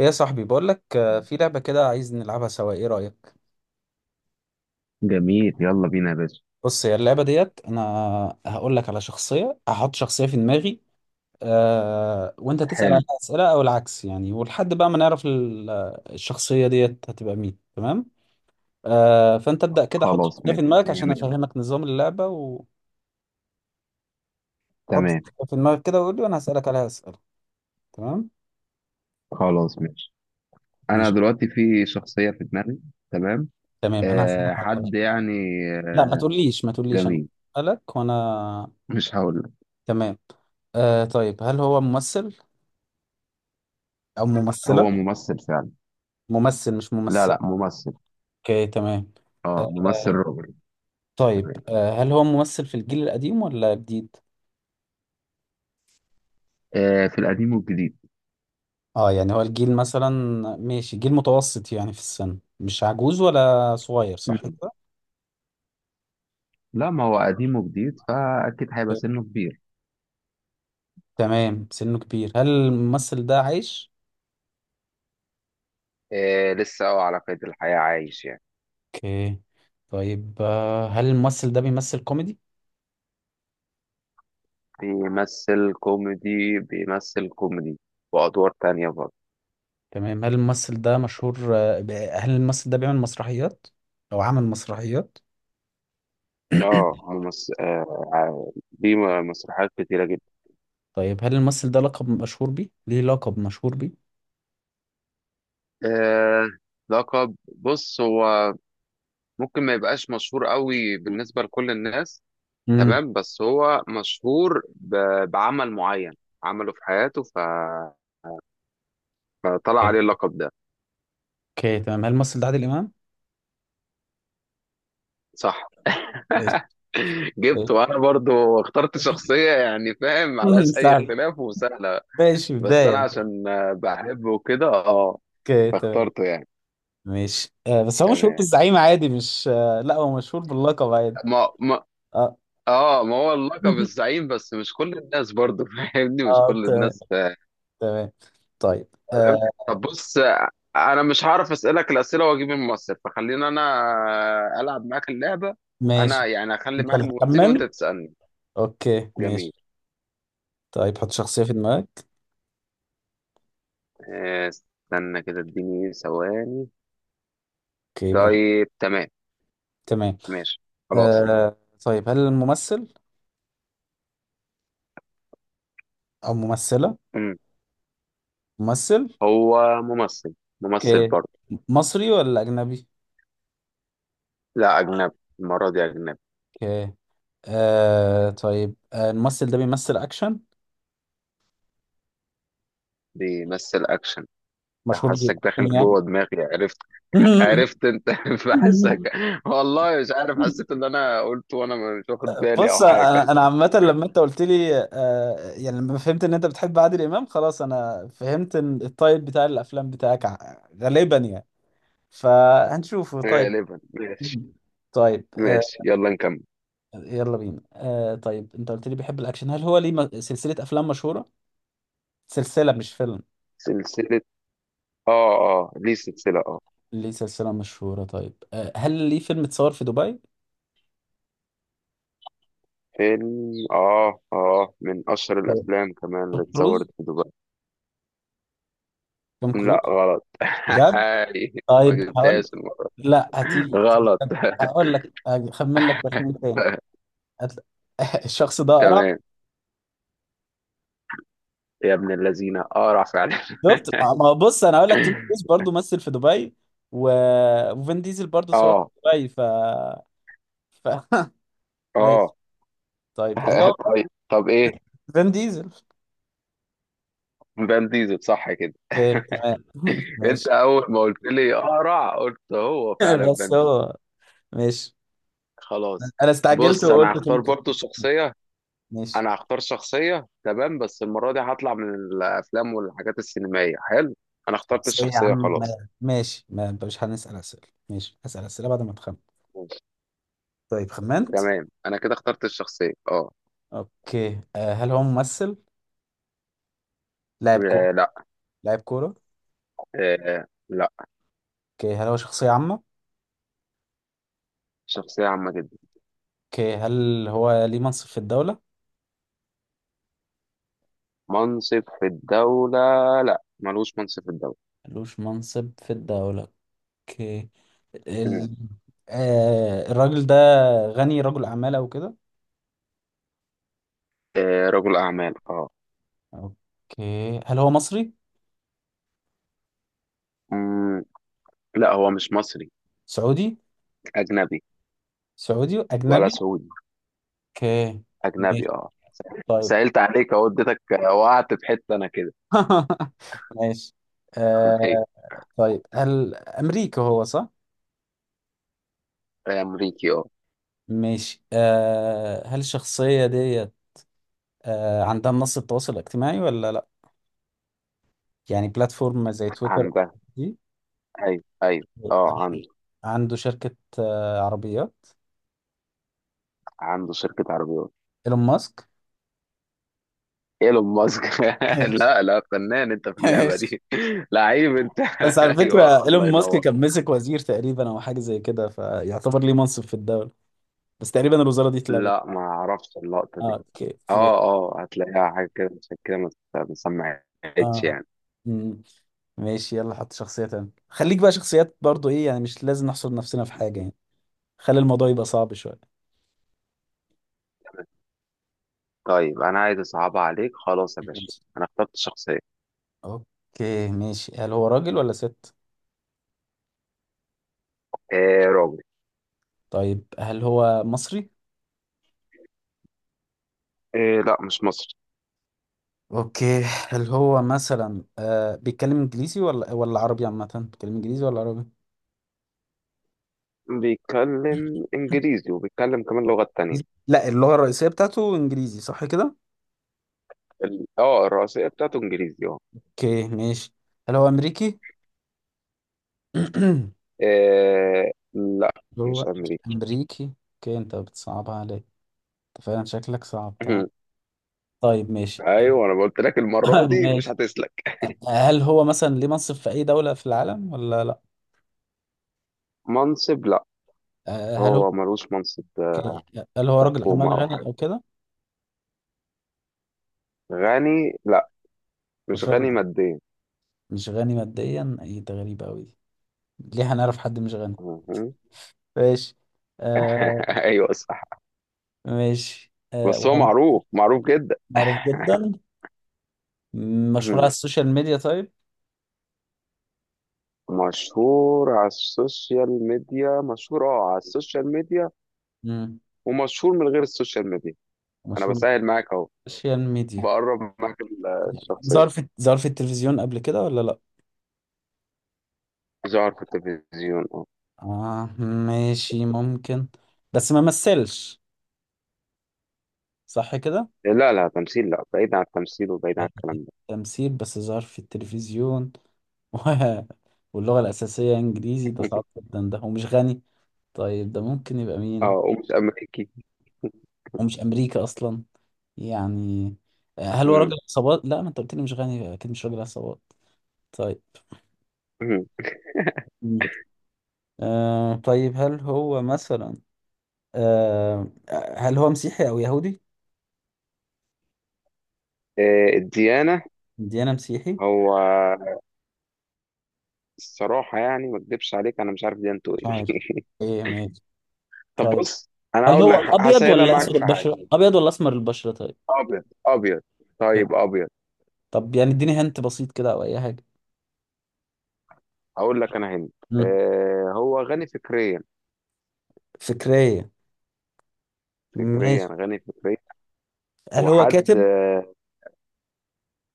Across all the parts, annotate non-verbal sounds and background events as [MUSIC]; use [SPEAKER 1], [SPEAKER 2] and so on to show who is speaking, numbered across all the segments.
[SPEAKER 1] ايه يا صاحبي، بقول لك في لعبة كده عايز نلعبها سوا، ايه رأيك؟
[SPEAKER 2] جميل، يلا بينا يا باشا.
[SPEAKER 1] بص، هي اللعبة ديت انا هقول لك على شخصية، هحط شخصية في دماغي. وانت تسأل
[SPEAKER 2] حلو.
[SPEAKER 1] عليها أسئلة او العكس يعني، ولحد بقى ما نعرف الشخصية ديت هتبقى مين، تمام؟ فانت ابدأ كده، حط
[SPEAKER 2] خلاص
[SPEAKER 1] شخصية في
[SPEAKER 2] ماشي
[SPEAKER 1] دماغك
[SPEAKER 2] مية
[SPEAKER 1] عشان
[SPEAKER 2] مية.
[SPEAKER 1] افهمك نظام اللعبة، وحط شخصية
[SPEAKER 2] تمام.
[SPEAKER 1] في دماغك كده وقول لي، وانا هسألك عليها أسئلة. تمام.
[SPEAKER 2] خلاص ماشي. انا
[SPEAKER 1] ماشي.
[SPEAKER 2] دلوقتي في شخصية في دماغي. تمام.
[SPEAKER 1] تمام، انا هسألك
[SPEAKER 2] أه
[SPEAKER 1] على...
[SPEAKER 2] حد يعني.
[SPEAKER 1] لا، ما
[SPEAKER 2] آه،
[SPEAKER 1] تقوليش ما تقوليش، انا
[SPEAKER 2] جميل.
[SPEAKER 1] هسألك وانا...
[SPEAKER 2] مش هقول لك.
[SPEAKER 1] تمام. طيب، هل هو ممثل او ممثلة؟
[SPEAKER 2] هو ممثل فعلا.
[SPEAKER 1] ممثل مش
[SPEAKER 2] لا
[SPEAKER 1] ممثل.
[SPEAKER 2] لا ممثل.
[SPEAKER 1] اوكي، تمام.
[SPEAKER 2] اه ممثل
[SPEAKER 1] آه،
[SPEAKER 2] راجل.
[SPEAKER 1] طيب،
[SPEAKER 2] تمام.
[SPEAKER 1] هل هو ممثل في الجيل القديم ولا جديد؟
[SPEAKER 2] أه في القديم والجديد.
[SPEAKER 1] اه يعني هو الجيل مثلا... ماشي، جيل متوسط يعني في السن، مش عجوز ولا صغير، صح
[SPEAKER 2] مم.
[SPEAKER 1] كده؟
[SPEAKER 2] لا ما هو قديم وجديد، فاكيد هيبقى
[SPEAKER 1] أوكي.
[SPEAKER 2] سنه كبير.
[SPEAKER 1] تمام، سنه كبير، هل الممثل ده عايش؟
[SPEAKER 2] أه لسه هو على قيد الحياة عايش يعني.
[SPEAKER 1] اوكي. طيب، هل الممثل ده بيمثل كوميدي؟
[SPEAKER 2] بيمثل كوميدي بيمثل كوميدي وأدوار تانية برضه.
[SPEAKER 1] تمام. هل الممثل ده مشهور هل الممثل ده بيعمل مسرحيات او عمل مسرحيات؟
[SPEAKER 2] اه
[SPEAKER 1] [COUGHS]
[SPEAKER 2] آه، دي مسرحيات كتيرة جدا.
[SPEAKER 1] [CLEARS THROAT] طيب، هل الممثل ده لقب مشهور بيه، ليه لقب مشهور بيه؟
[SPEAKER 2] آه لقب، بص هو ممكن ما يبقاش مشهور قوي بالنسبة لكل الناس.
[SPEAKER 1] مم.
[SPEAKER 2] تمام، بس هو مشهور بعمل معين عمله في حياته فطلع عليه اللقب ده.
[SPEAKER 1] اوكي، تمام. هل الممثل ده عادل امام؟
[SPEAKER 2] صح.
[SPEAKER 1] ماشي.
[SPEAKER 2] [LAUGHS] جبت، وانا برضو اخترت شخصية يعني، فاهم معلهاش
[SPEAKER 1] [LAUGHS]
[SPEAKER 2] اي
[SPEAKER 1] فعلا.
[SPEAKER 2] اختلاف وسهلة.
[SPEAKER 1] ماشي،
[SPEAKER 2] بس انا
[SPEAKER 1] بداية.
[SPEAKER 2] عشان بحبه كده اه.
[SPEAKER 1] اوكي، تمام.
[SPEAKER 2] فاخترته يعني.
[SPEAKER 1] ماشي. بس هو مشهور
[SPEAKER 2] تمام.
[SPEAKER 1] بالزعيم عادي مش لا، هو مشهور باللقب عادي.
[SPEAKER 2] ما ما
[SPEAKER 1] اه.
[SPEAKER 2] اه، ما هو اللقب
[SPEAKER 1] [LAUGHS]
[SPEAKER 2] الزعيم، بس مش كل الناس برضه [LAUGHS] فاهمني، مش
[SPEAKER 1] اه،
[SPEAKER 2] كل
[SPEAKER 1] تمام.
[SPEAKER 2] الناس فاهم.
[SPEAKER 1] تمام، طيب.
[SPEAKER 2] طب بص انا مش هعرف اسالك الاسئله واجيب الممثل، فخلينا انا العب معاك اللعبه. انا
[SPEAKER 1] ماشي.
[SPEAKER 2] يعني اخلي
[SPEAKER 1] انت
[SPEAKER 2] معاك
[SPEAKER 1] اللي
[SPEAKER 2] الممثل وانت
[SPEAKER 1] هتخمن.
[SPEAKER 2] تسالني.
[SPEAKER 1] اوكي،
[SPEAKER 2] جميل.
[SPEAKER 1] ماشي. طيب، حط شخصية في دماغك.
[SPEAKER 2] استنى كده اديني ثواني.
[SPEAKER 1] اوكي، براحتك.
[SPEAKER 2] طيب تمام.
[SPEAKER 1] تمام.
[SPEAKER 2] ماشي. خلاص.
[SPEAKER 1] آه طيب، هل الممثل او ممثلة؟
[SPEAKER 2] مم.
[SPEAKER 1] ممثل.
[SPEAKER 2] هو ممثل ممثل
[SPEAKER 1] اوكي.
[SPEAKER 2] برضه.
[SPEAKER 1] مصري ولا اجنبي؟
[SPEAKER 2] لا اجنبي. المره دي اجنبي.
[SPEAKER 1] اوكي. طيب، الممثل ده بيمثل اكشن،
[SPEAKER 2] بيمثل اكشن.
[SPEAKER 1] مشهور
[SPEAKER 2] حاسك
[SPEAKER 1] جدا
[SPEAKER 2] داخل
[SPEAKER 1] يعني؟
[SPEAKER 2] جوه دماغي، عرفت.
[SPEAKER 1] [LAUGHS]
[SPEAKER 2] عرفت انت، [LAUGHS] بحسك. والله مش عارف، حسيت ان انا قلت وانا مش واخد بالي او
[SPEAKER 1] بص، انا
[SPEAKER 2] حاجه.
[SPEAKER 1] انا عامه لما انت قلت لي يعني لما فهمت ان انت بتحب عادل امام خلاص، انا فهمت ان الطيب بتاع الافلام بتاعك غالبا يعني، فهنشوفه طيب.
[SPEAKER 2] غالبا ماشي.
[SPEAKER 1] طيب،
[SPEAKER 2] ماشي يلا نكمل.
[SPEAKER 1] يلا بينا. طيب، انت قلت لي بيحب الاكشن. هل هو ليه سلسله افلام مشهوره، سلسله مش فيلم؟
[SPEAKER 2] سلسله. اه. اه ليه سلسله اه.
[SPEAKER 1] ليه سلسله مشهوره طيب. هل ليه فيلم اتصور في دبي؟
[SPEAKER 2] فيلم من اشهر
[SPEAKER 1] توم
[SPEAKER 2] الافلام كمان اللي
[SPEAKER 1] كروز.
[SPEAKER 2] اتصورت في دبي.
[SPEAKER 1] توم كروز؟
[SPEAKER 2] لا غلط، [LAUGHS]
[SPEAKER 1] بجد؟
[SPEAKER 2] ما
[SPEAKER 1] طيب هقول...
[SPEAKER 2] جبتهاش المره.
[SPEAKER 1] لا، هتيجي
[SPEAKER 2] غلط.
[SPEAKER 1] استنى، هقول لك، هخمن لك تخمين تاني.
[SPEAKER 2] [LAUGHS]
[SPEAKER 1] هتل- [LAUGHS] الشخص ده اقرع.
[SPEAKER 2] تمام، يا ابن الذين اقرع فعلا.
[SPEAKER 1] شفت ما هو؟ بص، انا هقول لك توم كروز برضه مثل في دبي، و... وفين ديزل برضه
[SPEAKER 2] [LAUGHS]
[SPEAKER 1] صور في
[SPEAKER 2] اه
[SPEAKER 1] دبي ف... [LAUGHS] ماشي.
[SPEAKER 2] اه
[SPEAKER 1] طيب، اللي
[SPEAKER 2] [LAUGHS]
[SPEAKER 1] هو
[SPEAKER 2] طيب، ايه.
[SPEAKER 1] فين ديزل.
[SPEAKER 2] فان ديزل صح كده.
[SPEAKER 1] طيب، تمام. [LAUGHS]
[SPEAKER 2] انت
[SPEAKER 1] ماشي.
[SPEAKER 2] اول ما قلت لي اقرع قلت هو
[SPEAKER 1] [LAUGHS]
[SPEAKER 2] فعلا
[SPEAKER 1] بس
[SPEAKER 2] فان ديزل.
[SPEAKER 1] هو... ماشي،
[SPEAKER 2] خلاص.
[SPEAKER 1] انا استعجلت
[SPEAKER 2] بص انا
[SPEAKER 1] وقلت توم
[SPEAKER 2] هختار
[SPEAKER 1] كروز.
[SPEAKER 2] برضو شخصيه.
[SPEAKER 1] ماشي،
[SPEAKER 2] انا هختار شخصيه، تمام بس المره دي هطلع من الافلام والحاجات السينمائيه. حلو. انا اخترت
[SPEAKER 1] شخصية يا
[SPEAKER 2] الشخصيه
[SPEAKER 1] عم.
[SPEAKER 2] خلاص.
[SPEAKER 1] ماشي، ما انت مش هنسأل اسئله، ماشي هسأل اسئله بعد ما تخمن.
[SPEAKER 2] ماشي.
[SPEAKER 1] طيب، خمنت؟
[SPEAKER 2] تمام، انا كده اخترت الشخصيه اه.
[SPEAKER 1] اوكي. هل هو ممثل، لاعب كورة؟
[SPEAKER 2] آه، لا.
[SPEAKER 1] لاعب كورة.
[SPEAKER 2] آه، لا.
[SPEAKER 1] اوكي. هل هو شخصية عامة؟
[SPEAKER 2] شخصيه عامه جدا.
[SPEAKER 1] اوكي. هل هو ليه منصب في الدولة؟
[SPEAKER 2] منصب في الدوله. لا ملوش منصب في الدوله.
[SPEAKER 1] ملوش منصب في الدولة. اوكي. ال...
[SPEAKER 2] مم.
[SPEAKER 1] آه الراجل ده غني، رجل أعمال أو كده؟
[SPEAKER 2] رجل اعمال اه.
[SPEAKER 1] اوكي. هل هو مصري؟
[SPEAKER 2] مم. لا هو مش مصري.
[SPEAKER 1] سعودي.
[SPEAKER 2] اجنبي.
[SPEAKER 1] سعودي
[SPEAKER 2] ولا
[SPEAKER 1] أجنبي.
[SPEAKER 2] سعودي.
[SPEAKER 1] اوكي،
[SPEAKER 2] اجنبي
[SPEAKER 1] ماشي.
[SPEAKER 2] اه.
[SPEAKER 1] طيب.
[SPEAKER 2] سألت عليك اهو، اديتك وقعت في حته انا كده.
[SPEAKER 1] [LAUGHS] ماشي.
[SPEAKER 2] [LAUGHS]
[SPEAKER 1] آه
[SPEAKER 2] ايوه.
[SPEAKER 1] طيب، هل أمريكا هو، صح؟
[SPEAKER 2] امريكي اه.
[SPEAKER 1] ماشي. هل الشخصية ديت عندها منصة تواصل اجتماعي ولا لا؟ يعني بلاتفورم زي تويتر
[SPEAKER 2] عندها.
[SPEAKER 1] دي.
[SPEAKER 2] ايوه ايوه اه
[SPEAKER 1] [LAUGHS]
[SPEAKER 2] عنده.
[SPEAKER 1] عنده شركة عربيات؟
[SPEAKER 2] عنده شركه عربيات.
[SPEAKER 1] ايلون ماسك.
[SPEAKER 2] ايلون ماسك. [LAUGHS] لا
[SPEAKER 1] [LAUGHS]
[SPEAKER 2] لا، فنان انت في اللعبه
[SPEAKER 1] ماشي.
[SPEAKER 2] دي، [LAUGHS] لعيب انت.
[SPEAKER 1] بس على
[SPEAKER 2] [LAUGHS] ايوه
[SPEAKER 1] فكرة،
[SPEAKER 2] الله
[SPEAKER 1] ايلون ماسك
[SPEAKER 2] ينور.
[SPEAKER 1] كان مسك وزير تقريبا او حاجة زي كده، فيعتبر ليه منصب في الدولة، بس تقريبا الوزارة دي اتلغت.
[SPEAKER 2] لا ما اعرفش اللقطه
[SPEAKER 1] اه،
[SPEAKER 2] دي.
[SPEAKER 1] اوكي، ماشي.
[SPEAKER 2] اه هتلاقيها حاجه كده، عشان كده ما ما سمعتش
[SPEAKER 1] اه.
[SPEAKER 2] يعني.
[SPEAKER 1] مم. ماشي، يلا حط شخصية تانية، خليك بقى شخصيات برضو، ايه يعني، مش لازم نحصر نفسنا في حاجة يعني، خلي الموضوع يبقى صعب شوية.
[SPEAKER 2] طيب، انا عايز اصعبها عليك خلاص يا باشا.
[SPEAKER 1] ماشي.
[SPEAKER 2] انا اخترت شخصيه.
[SPEAKER 1] اوكي، ماشي. هل هو راجل ولا ست؟
[SPEAKER 2] إيه راجل.
[SPEAKER 1] طيب، هل هو مصري؟
[SPEAKER 2] إيه، لا مش مصري.
[SPEAKER 1] اوكي. هل هو مثلا بيتكلم انجليزي ولا عربي؟ عامة بيتكلم انجليزي ولا عربي؟
[SPEAKER 2] بيتكلم انجليزي وبيتكلم كمان لغات تانية.
[SPEAKER 1] لا اللغة الرئيسية بتاعته انجليزي، صح كده؟
[SPEAKER 2] الرئيسية بتاعته انجليزي اه.
[SPEAKER 1] اوكي، ماشي. هل هو امريكي؟ [CLEARS THROAT]
[SPEAKER 2] لا
[SPEAKER 1] هو
[SPEAKER 2] مش امريكي.
[SPEAKER 1] امريكي. اوكي، انت بتصعبها عليا. انت فعلا شكلك صعبتها.
[SPEAKER 2] [LAUGHS]
[SPEAKER 1] طيب، ماشي.
[SPEAKER 2] ايوه، انا قلت لك
[SPEAKER 1] [CLEARS THROAT]
[SPEAKER 2] المرة
[SPEAKER 1] [LAUGHS]
[SPEAKER 2] دي مش
[SPEAKER 1] ماشي.
[SPEAKER 2] هتسلك.
[SPEAKER 1] هل هو مثلا ليه منصب في اي دولة في العالم ولا لا؟
[SPEAKER 2] منصب لا.
[SPEAKER 1] هل هو...
[SPEAKER 2] هو ملوش منصب
[SPEAKER 1] هل هو
[SPEAKER 2] في
[SPEAKER 1] راجل اعمال
[SPEAKER 2] حكومة او حاجة.
[SPEAKER 1] غني او كده؟
[SPEAKER 2] غني لا. مش
[SPEAKER 1] مش راجل
[SPEAKER 2] غني
[SPEAKER 1] أعمال.
[SPEAKER 2] ماديا.
[SPEAKER 1] مش غني ماديا، ايه ده غريب قوي. دي ليه هنعرف حد مش غني.
[SPEAKER 2] مهم.
[SPEAKER 1] ماشي. آه
[SPEAKER 2] [LAUGHS] ايوه صح.
[SPEAKER 1] ماشي.
[SPEAKER 2] بس هو
[SPEAKER 1] وعمل،
[SPEAKER 2] معروف معروف جدا.
[SPEAKER 1] معروف جدا،
[SPEAKER 2] [LAUGHS]
[SPEAKER 1] مشهور على
[SPEAKER 2] مهم.
[SPEAKER 1] السوشيال ميديا طيب.
[SPEAKER 2] مشهور على السوشيال ميديا، مشهور على السوشيال ميديا،
[SPEAKER 1] مم.
[SPEAKER 2] ومشهور من غير السوشيال ميديا. انا
[SPEAKER 1] مشهور على
[SPEAKER 2] بسهل معاك اهو،
[SPEAKER 1] السوشيال ميديا،
[SPEAKER 2] بقرب معاك الشخصية.
[SPEAKER 1] ظهر في التلفزيون قبل كده ولا لا؟
[SPEAKER 2] ظهر في التلفزيون اه.
[SPEAKER 1] ماشي ممكن، بس ما مثلش صح كده؟
[SPEAKER 2] لا لا تمثيل، لا بعيد عن التمثيل وبعيد عن الكلام ده.
[SPEAKER 1] تمثيل بس ظهر في التلفزيون. [LAUGHS] و... واللغة الأساسية إنجليزي ده صعب
[SPEAKER 2] [LAUGHS]
[SPEAKER 1] جدا، ده ومش غني؟ طيب، ده ممكن يبقى
[SPEAKER 2] اه
[SPEAKER 1] مين؟
[SPEAKER 2] ومش أمريكي.
[SPEAKER 1] ومش امريكا اصلا يعني. هل هو راجل
[SPEAKER 2] مم.
[SPEAKER 1] عصابات؟ لا، ما انت قلت لي مش غني، اكيد مش راجل عصابات. طيب.
[SPEAKER 2] مم.
[SPEAKER 1] مم. طيب، هل هو مثلا آه هل هو مسيحي او يهودي؟
[SPEAKER 2] الديانة،
[SPEAKER 1] ديانة مسيحي.
[SPEAKER 2] هو الصراحة يعني ما اكدبش عليك، أنا مش عارف ديانته
[SPEAKER 1] مش عارف.
[SPEAKER 2] إيه.
[SPEAKER 1] ايه؟ ماشي.
[SPEAKER 2] [LAUGHS] طب
[SPEAKER 1] طيب،
[SPEAKER 2] بص، أنا
[SPEAKER 1] هل
[SPEAKER 2] هقول
[SPEAKER 1] هو
[SPEAKER 2] لك
[SPEAKER 1] ابيض
[SPEAKER 2] هسهلها
[SPEAKER 1] ولا
[SPEAKER 2] معاك
[SPEAKER 1] اسود
[SPEAKER 2] في حاجة.
[SPEAKER 1] البشرة، ابيض ولا اسمر البشرة؟ طيب.
[SPEAKER 2] أبيض أبيض.
[SPEAKER 1] أوكي.
[SPEAKER 2] طيب أبيض.
[SPEAKER 1] طب يعني اديني هنت بسيط كده او اي حاجة.
[SPEAKER 2] هقول لك أنا هند.
[SPEAKER 1] مم.
[SPEAKER 2] هو غني فكريا.
[SPEAKER 1] فكرية.
[SPEAKER 2] فكريا،
[SPEAKER 1] ماشي،
[SPEAKER 2] غني فكريا.
[SPEAKER 1] هل هو
[SPEAKER 2] وحد
[SPEAKER 1] كاتب؟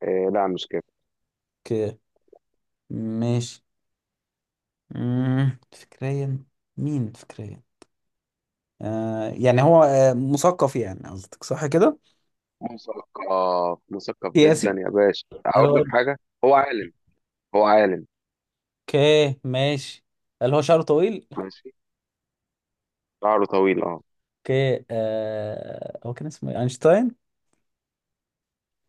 [SPEAKER 2] آه، لا مش كده.
[SPEAKER 1] اوكي. ماشي. مم. فكريا، مين فكريا؟ يعني هو مثقف يعني قصدك، صح كده؟
[SPEAKER 2] مثقف مثقف جدا
[SPEAKER 1] سياسي؟
[SPEAKER 2] يا باشا،
[SPEAKER 1] قال
[SPEAKER 2] اقول
[SPEAKER 1] هو.
[SPEAKER 2] لك حاجه. هو عالم هو عالم.
[SPEAKER 1] اوكي، ماشي. قال هو شعره طويل.
[SPEAKER 2] ماشي. شعره طويل اه.
[SPEAKER 1] اوكي. هو كان اسمه إيه؟ اينشتاين؟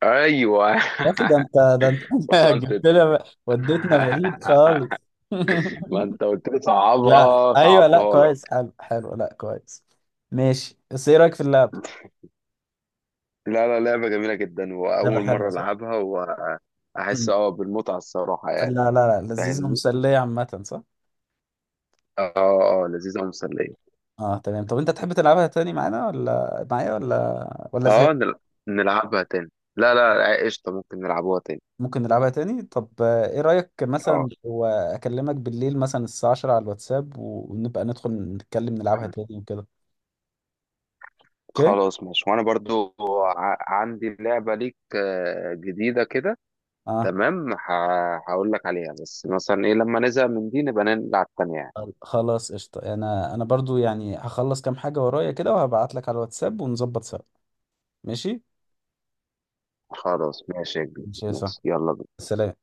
[SPEAKER 2] ايوه.
[SPEAKER 1] يا اخي، ده انت، ده انت!
[SPEAKER 2] [LAUGHS]
[SPEAKER 1] [LAUGHS]
[SPEAKER 2] وصلت انت.
[SPEAKER 1] جبت لي وديتنا بعيد خالص.
[SPEAKER 2] [LAUGHS] ما
[SPEAKER 1] [LAUGHS]
[SPEAKER 2] انت قلت لي
[SPEAKER 1] لا
[SPEAKER 2] صعبها،
[SPEAKER 1] ايوه، لا
[SPEAKER 2] صعبتها لك.
[SPEAKER 1] كويس، حلو حلو، لا كويس. ماشي، بس ايه رايك في اللعب؟
[SPEAKER 2] لا لا، لعبه جميله جدا
[SPEAKER 1] لعبة
[SPEAKER 2] واول
[SPEAKER 1] حلوة
[SPEAKER 2] مره
[SPEAKER 1] صح؟
[SPEAKER 2] العبها. واحس
[SPEAKER 1] مم.
[SPEAKER 2] بالمتعه الصراحه
[SPEAKER 1] لا،
[SPEAKER 2] يعني.
[SPEAKER 1] لا، لا لذيذة
[SPEAKER 2] فاهمني.
[SPEAKER 1] ومسلية عامة، صح؟
[SPEAKER 2] اه اه لذيذه ومسليه.
[SPEAKER 1] اه تمام. طب انت تحب تلعبها تاني معانا ولا معايا، ولا
[SPEAKER 2] اه
[SPEAKER 1] زهقت؟
[SPEAKER 2] نل- نلعبها تاني. لا لا لا، قشطه ممكن نلعبوها تاني.
[SPEAKER 1] ممكن نلعبها تاني. طب، ايه رأيك
[SPEAKER 2] اه
[SPEAKER 1] مثلا لو اكلمك بالليل مثلا الساعة 10 على الواتساب، ونبقى ندخل نتكلم نلعبها تاني وكده؟ اوكي.
[SPEAKER 2] خلاص ماشي، وانا برضو عندي لعبة ليك جديدة كده.
[SPEAKER 1] اه،
[SPEAKER 2] تمام هقول لك عليها، بس مثلا ايه، لما نزهق من دي نبقى نلعب تانية يعني.
[SPEAKER 1] خلاص، قشطة. انا برضو يعني هخلص كام حاجة ورايا كده وهبعت لك على الواتساب ونظبط سوا. ماشي.
[SPEAKER 2] خلاص ماشي يا كبير،
[SPEAKER 1] ماشي يا
[SPEAKER 2] ماشي
[SPEAKER 1] صاحبي،
[SPEAKER 2] يلا بينا.
[SPEAKER 1] سلام.